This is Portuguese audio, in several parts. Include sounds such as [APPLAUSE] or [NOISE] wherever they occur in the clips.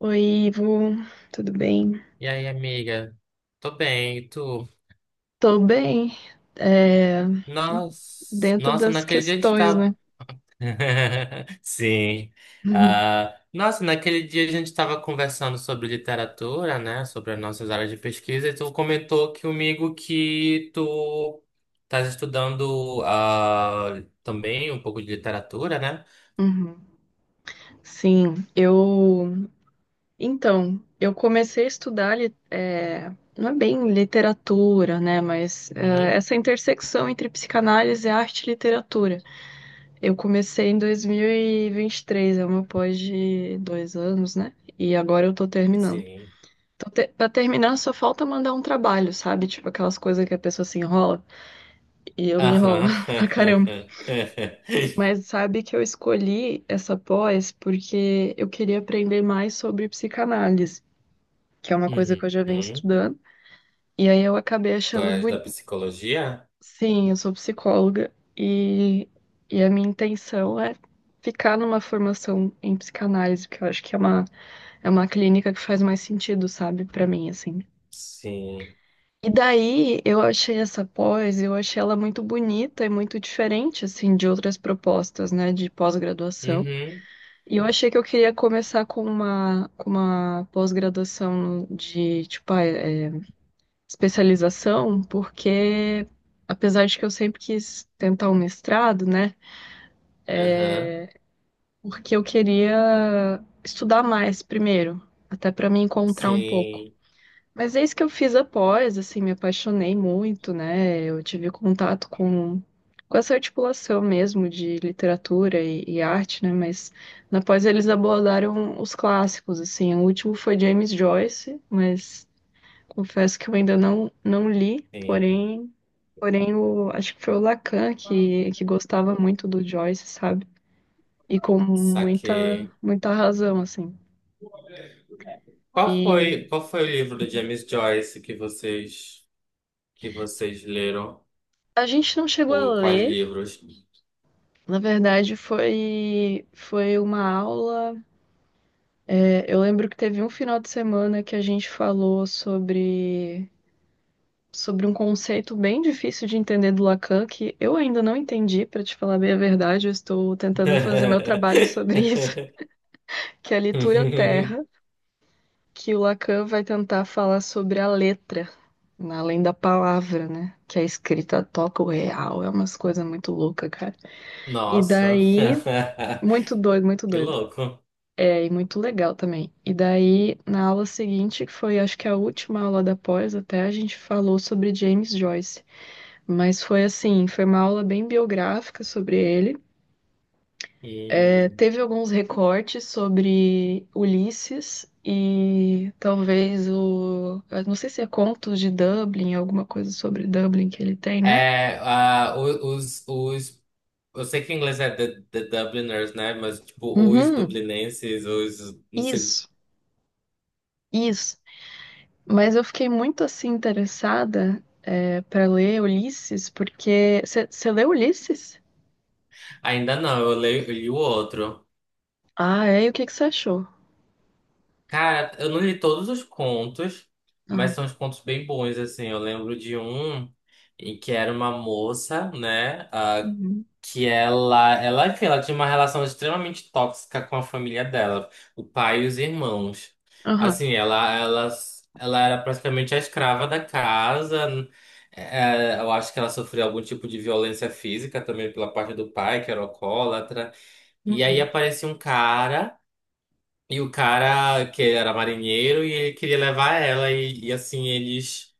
Oi, Ivo, tudo bem? E aí, amiga? Tô bem, e tu? Tô bem, é, Nossa, dentro nossa, das naquele dia a gente questões, né? tava. [LAUGHS] [LAUGHS] Sim. Uhum. Ah, nossa, naquele dia a gente tava conversando sobre literatura, né? Sobre as nossas áreas de pesquisa, e tu comentou que comigo que tu estás estudando também um pouco de literatura, né? Uhum. Sim, eu. Então, eu comecei a estudar, não é bem literatura, né? Mas é, Uhum. essa intersecção entre psicanálise, arte e literatura. Eu comecei em 2023, é uma pós de dois anos, né? E agora eu tô terminando. Sim. Então, pra terminar, só falta mandar um trabalho, sabe? Tipo aquelas coisas que a pessoa se enrola. E eu me enrolo Aham. [LAUGHS] pra caramba. Mas [LAUGHS] sabe que eu escolhi essa pós porque eu queria aprender mais sobre psicanálise, que é uma coisa que Uhum. eu já venho estudando. E aí eu acabei Tu achando és da bonito. psicologia? Sim, eu sou psicóloga e a minha intenção é ficar numa formação em psicanálise, porque eu acho que é uma clínica que faz mais sentido, sabe, pra mim, assim. Sim. E daí eu achei essa pós, eu achei ela muito bonita e muito diferente, assim, de outras propostas, né, de pós-graduação. Uhum. E eu achei que eu queria começar com uma pós-graduação de, tipo, especialização, porque apesar de que eu sempre quis tentar um mestrado, né, Aham. porque eu queria estudar mais primeiro, até para me encontrar um pouco. Sim, Mas é isso que eu fiz após, assim, me apaixonei muito, né? Eu tive contato com essa articulação mesmo de literatura e arte, né? Mas na pós eles abordaram os clássicos, assim. O último foi James Joyce, mas confesso que eu ainda não, não li, sim. porém, acho que foi o Lacan que gostava muito do Joyce, sabe? E com Saquei. muita razão, assim. Qual E foi, qual foi o livro do James Joyce que vocês leram? a gente não chegou a Ou quais ler. livros? Na verdade, foi uma aula. É, eu lembro que teve um final de semana que a gente falou sobre um conceito bem difícil de entender do Lacan, que eu ainda não entendi, para te falar bem a verdade, eu estou tentando fazer meu trabalho sobre isso, [LAUGHS] [LAUGHS] que é a leitura terra, que o Lacan vai tentar falar sobre a letra, além da palavra, né? Que a escrita toca o real, é umas coisas muito loucas, cara. E Nossa, daí, [LAUGHS] muito doido, muito que doido. louco. É, e muito legal também. E daí, na aula seguinte, que foi acho que a última aula da pós, até a gente falou sobre James Joyce. Mas foi assim, foi uma aula bem biográfica sobre ele. É, Hum. teve alguns recortes sobre Ulisses e talvez o. eu não sei se é Contos de Dublin, alguma coisa sobre Dublin que ele tem, né? É, ah, os, eu sei que em inglês é the Dubliners, né? Mas tipo, os Uhum. dublinenses, os, não sei. Isso, isso. Mas eu fiquei muito assim interessada, é, para ler Ulisses, porque. Você leu Ulisses? Ainda não, eu leio, eu li o outro. Ah, é? E o que que você achou? Cara, eu não li todos os contos, mas Aham. são uns contos bem bons, assim. Eu lembro de um em que era uma moça, né? Uhum. que ela, enfim, ela tinha uma relação extremamente tóxica com a família dela, o pai e os irmãos. Aham. Assim, ela, ela era praticamente a escrava da casa. Eu acho que ela sofreu algum tipo de violência física também pela parte do pai, que era alcoólatra. E aí Uhum. aparecia um cara. E o cara que era marinheiro e ele queria levar ela e assim eles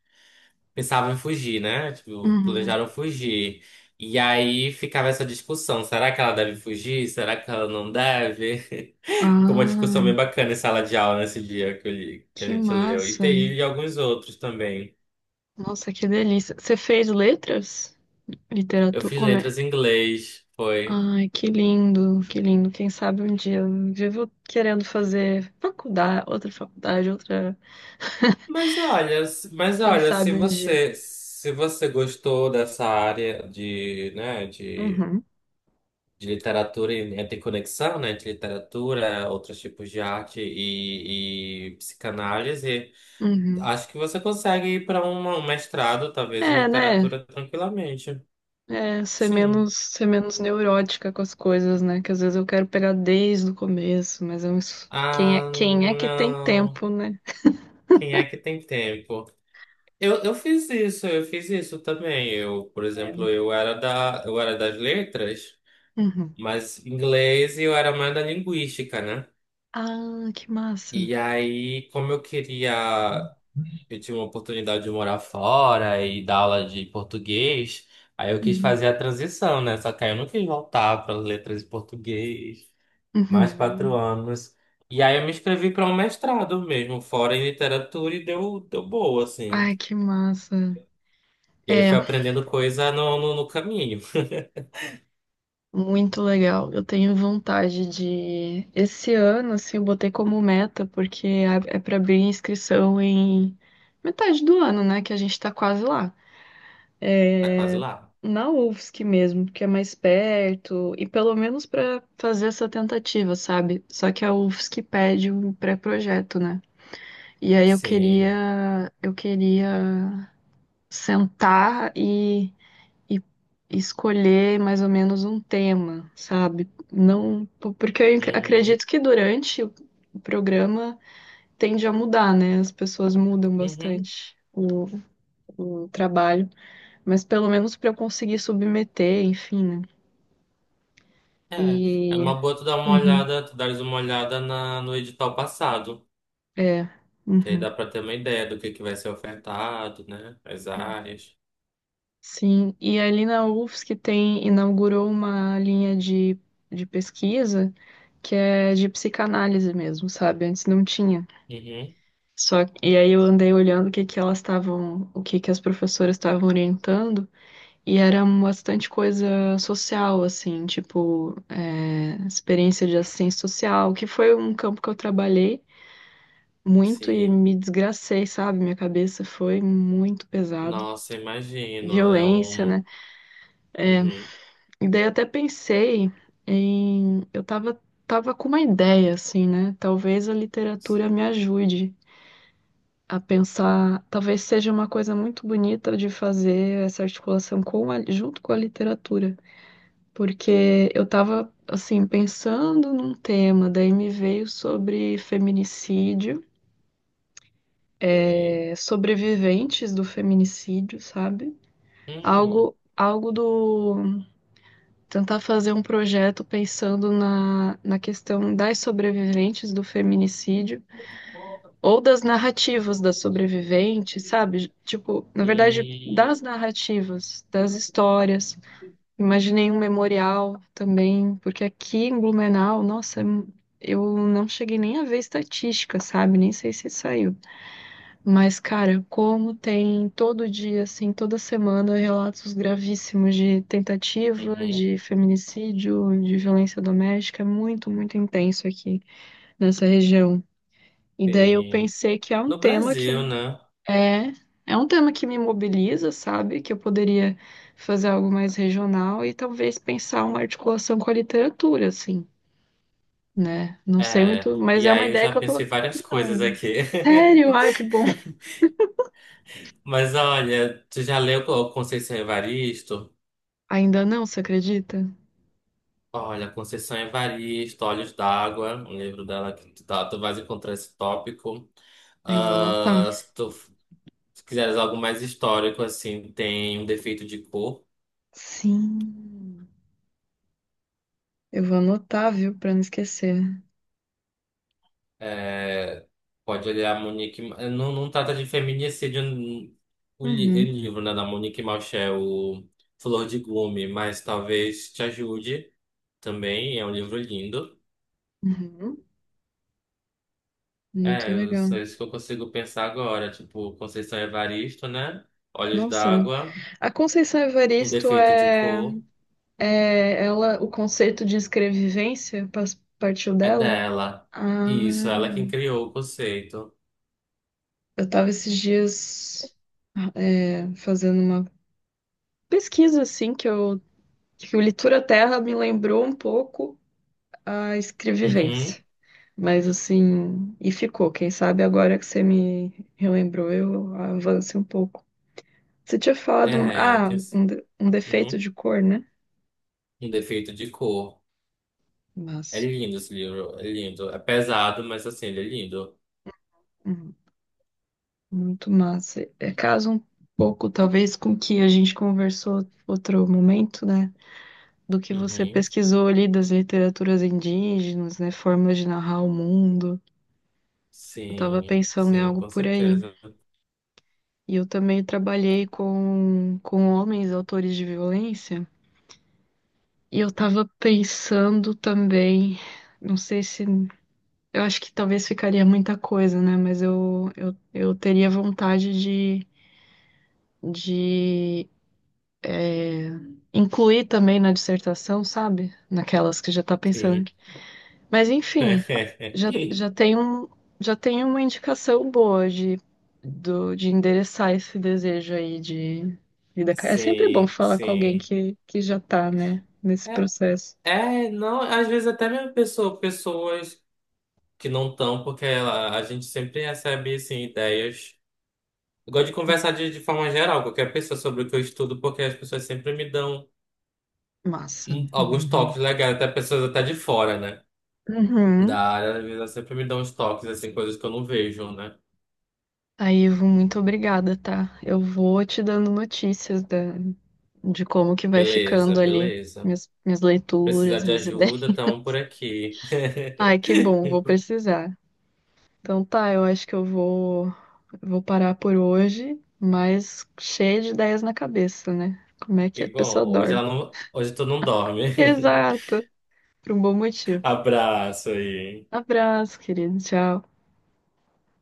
pensavam em fugir, né? Tipo, Uhum. planejaram fugir. E aí ficava essa discussão, será que ela deve fugir? Será que ela não deve? [LAUGHS] Ficou uma discussão bem Ah, bacana em sala de aula nesse dia que, que a que gente leu. E massa. tem alguns outros também. Nossa, que delícia. Você fez letras? Eu Literatura? fiz Como é? letras em inglês, foi. Ai, que lindo, que lindo. Quem sabe um dia. Eu vivo querendo fazer faculdade, outra faculdade, outra. Mas olha, mas Quem olha, sabe um dia. Se você gostou dessa área de, né, Uhum. de literatura e tem conexão, né, entre literatura, outros tipos de arte e psicanálise, Uhum. acho que você consegue ir para um mestrado, talvez, em É, né? literatura tranquilamente. É, Sim. Ser menos neurótica com as coisas, né? Que às vezes eu quero pegar desde o começo, Ah, quem é que tem não. tempo, né? Quem é que tem tempo? Eu fiz isso, eu fiz isso também. Eu, por É. exemplo, eu era das letras, Uhum. mas inglês e eu era mais da linguística, né? Ah, que massa. E aí, como eu queria. Eu tive uma oportunidade de morar fora e dar aula de português. Aí eu quis Uhum. fazer a transição, né? Só que aí eu não quis voltar para letras e português. Mais quatro Uhum. anos. E aí eu me inscrevi para um mestrado mesmo, fora em literatura, e deu, deu boa, assim. Ai, que massa. E aí fui É, aprendendo coisa no caminho. [LAUGHS] muito legal. Eu tenho vontade de. Esse ano, assim, eu botei como meta, porque é para abrir inscrição em metade do ano, né? Que a gente tá quase lá. Tá quase lá. Na UFSC mesmo, que é mais perto, e pelo menos para fazer essa tentativa, sabe? Só que a UFSC pede um pré-projeto, né? E aí Sim. Eu queria sentar e escolher mais ou menos um tema, sabe? Não, porque eu Uhum. acredito que durante o programa tende a mudar, né? As pessoas mudam Uhum. bastante. O trabalho, mas pelo menos para eu conseguir submeter, enfim, né? É. É E. uma boa Uhum, tu dares uma olhada no edital passado. é. Que aí dá Uhum. para ter uma ideia do que vai ser ofertado, né? As áreas. Sim, e ali na UFSC tem, inaugurou uma linha de pesquisa que é de psicanálise mesmo, sabe? Antes não tinha. Uhum. E aí eu andei olhando o que que elas estavam, o que que as professoras estavam orientando, e era bastante coisa social, assim, tipo, é, experiência de assistência social, que foi um campo que eu trabalhei muito e Sim. me desgracei, sabe? Minha cabeça foi muito pesado. Nossa, imagino. É Violência, né? um. Uhum. E daí até pensei em. Tava com uma ideia, assim, né? Talvez a literatura me ajude a pensar. Talvez seja uma coisa muito bonita de fazer essa articulação com junto com a literatura. Porque eu tava, assim, pensando num tema, daí me veio sobre feminicídio, Sim. Sobreviventes do feminicídio, sabe? Uhum. Algo, algo do tentar fazer um projeto pensando na questão das sobreviventes do feminicídio ou das narrativas Hum. das sobreviventes, sabe? Tipo, na verdade, das narrativas, das histórias. Imaginei um memorial também, porque aqui em Blumenau, nossa, eu não cheguei nem a ver estatística, sabe? Nem sei se saiu. Mas, cara, como tem todo dia, assim, toda semana, relatos gravíssimos de tentativa, Uhum. de feminicídio, de violência doméstica, é muito, muito intenso aqui nessa região. E daí eu Sim. pensei que No Brasil, né? é, é um tema que me mobiliza, sabe? Que eu poderia fazer algo mais regional e talvez pensar uma articulação com a literatura, assim, né? Não sei É. muito, mas E é uma aí eu ideia já que eu pensei tô várias coisas criando. aqui. Sério? [LAUGHS] Ai, que bom. Mas olha, tu já leu o Conceição Evaristo? Ainda não, você acredita? Olha, Conceição Evaristo, Olhos d'Água, um livro dela que tu, tá, tu vais encontrar esse tópico. Eu vou anotar. Ah, se tu f- se quiseres algo mais histórico, assim, tem um defeito de cor. Sim. Eu vou anotar, viu, pra não esquecer. É, pode olhar a Monique. Não, não trata de feminicídio o Uhum. livro, né, da Monique Malchel o Flor de Gume, mas talvez te ajude também. É um livro lindo. Uhum. Muito É, legal. só isso que eu consigo pensar agora. Tipo, Conceição Evaristo, né? Olhos Nossa, d'Água. a Conceição Um Evaristo defeito de cor é ela, o conceito de escrevivência partiu é dela? dela. Isso, Ah, ela é quem criou o conceito. eu tava esses dias é, fazendo uma pesquisa assim que o Literatura Terra me lembrou um pouco a escrevivência. Uhum. Mas assim, e ficou. Quem sabe agora que você me relembrou, eu avance um pouco. Você tinha falado, É, que é assim. Um defeito Uhum. de cor, né? Um defeito de cor. É Massa. lindo esse livro, é lindo. É pesado, mas assim, ele é lindo. Uhum. Muito massa. É caso um pouco, talvez, com o que a gente conversou outro momento, né? Do que você Uhum. pesquisou ali das literaturas indígenas, né? Formas de narrar o mundo. Eu tava Sim, pensando em sim, algo com por aí. certeza. E eu também trabalhei com homens, autores de violência. E eu tava pensando também, não sei se. Eu acho que talvez ficaria muita coisa, né? Mas eu teria vontade de incluir também na dissertação, sabe? Naquelas que já tá Sim. pensando. Mas enfim, [LAUGHS] já tem já tem uma indicação boa de endereçar esse desejo aí de vida. Acadêmica. É sempre bom Sim, falar com alguém sim. Que já tá, né? Nesse É, processo. é, não, às vezes até mesmo pessoas que não estão, porque a gente sempre recebe assim, ideias. Eu gosto de conversar de forma geral, com qualquer pessoa sobre o que eu estudo, porque as pessoas sempre me dão Massa. Alguns Uhum. toques legais, até pessoas até de fora, né? Da Uhum. área, às vezes elas sempre me dão uns toques, assim, coisas que eu não vejo, né? Aí, Ivo, muito obrigada, tá? Eu vou te dando notícias da, de como que vai Beleza, ficando ali beleza. Minhas Precisar leituras, de minhas ideias. ajuda, estamos por aqui. [LAUGHS] Ai, [LAUGHS] que bom, vou precisar. Então tá, eu acho que vou parar por hoje, mas cheia de ideias na cabeça, né? Como é que Que a bom. pessoa Hoje ela dorme? não, hoje tu não [LAUGHS] dorme. Exato, por um bom [LAUGHS] motivo. Abraço aí. Abraço, querido, tchau.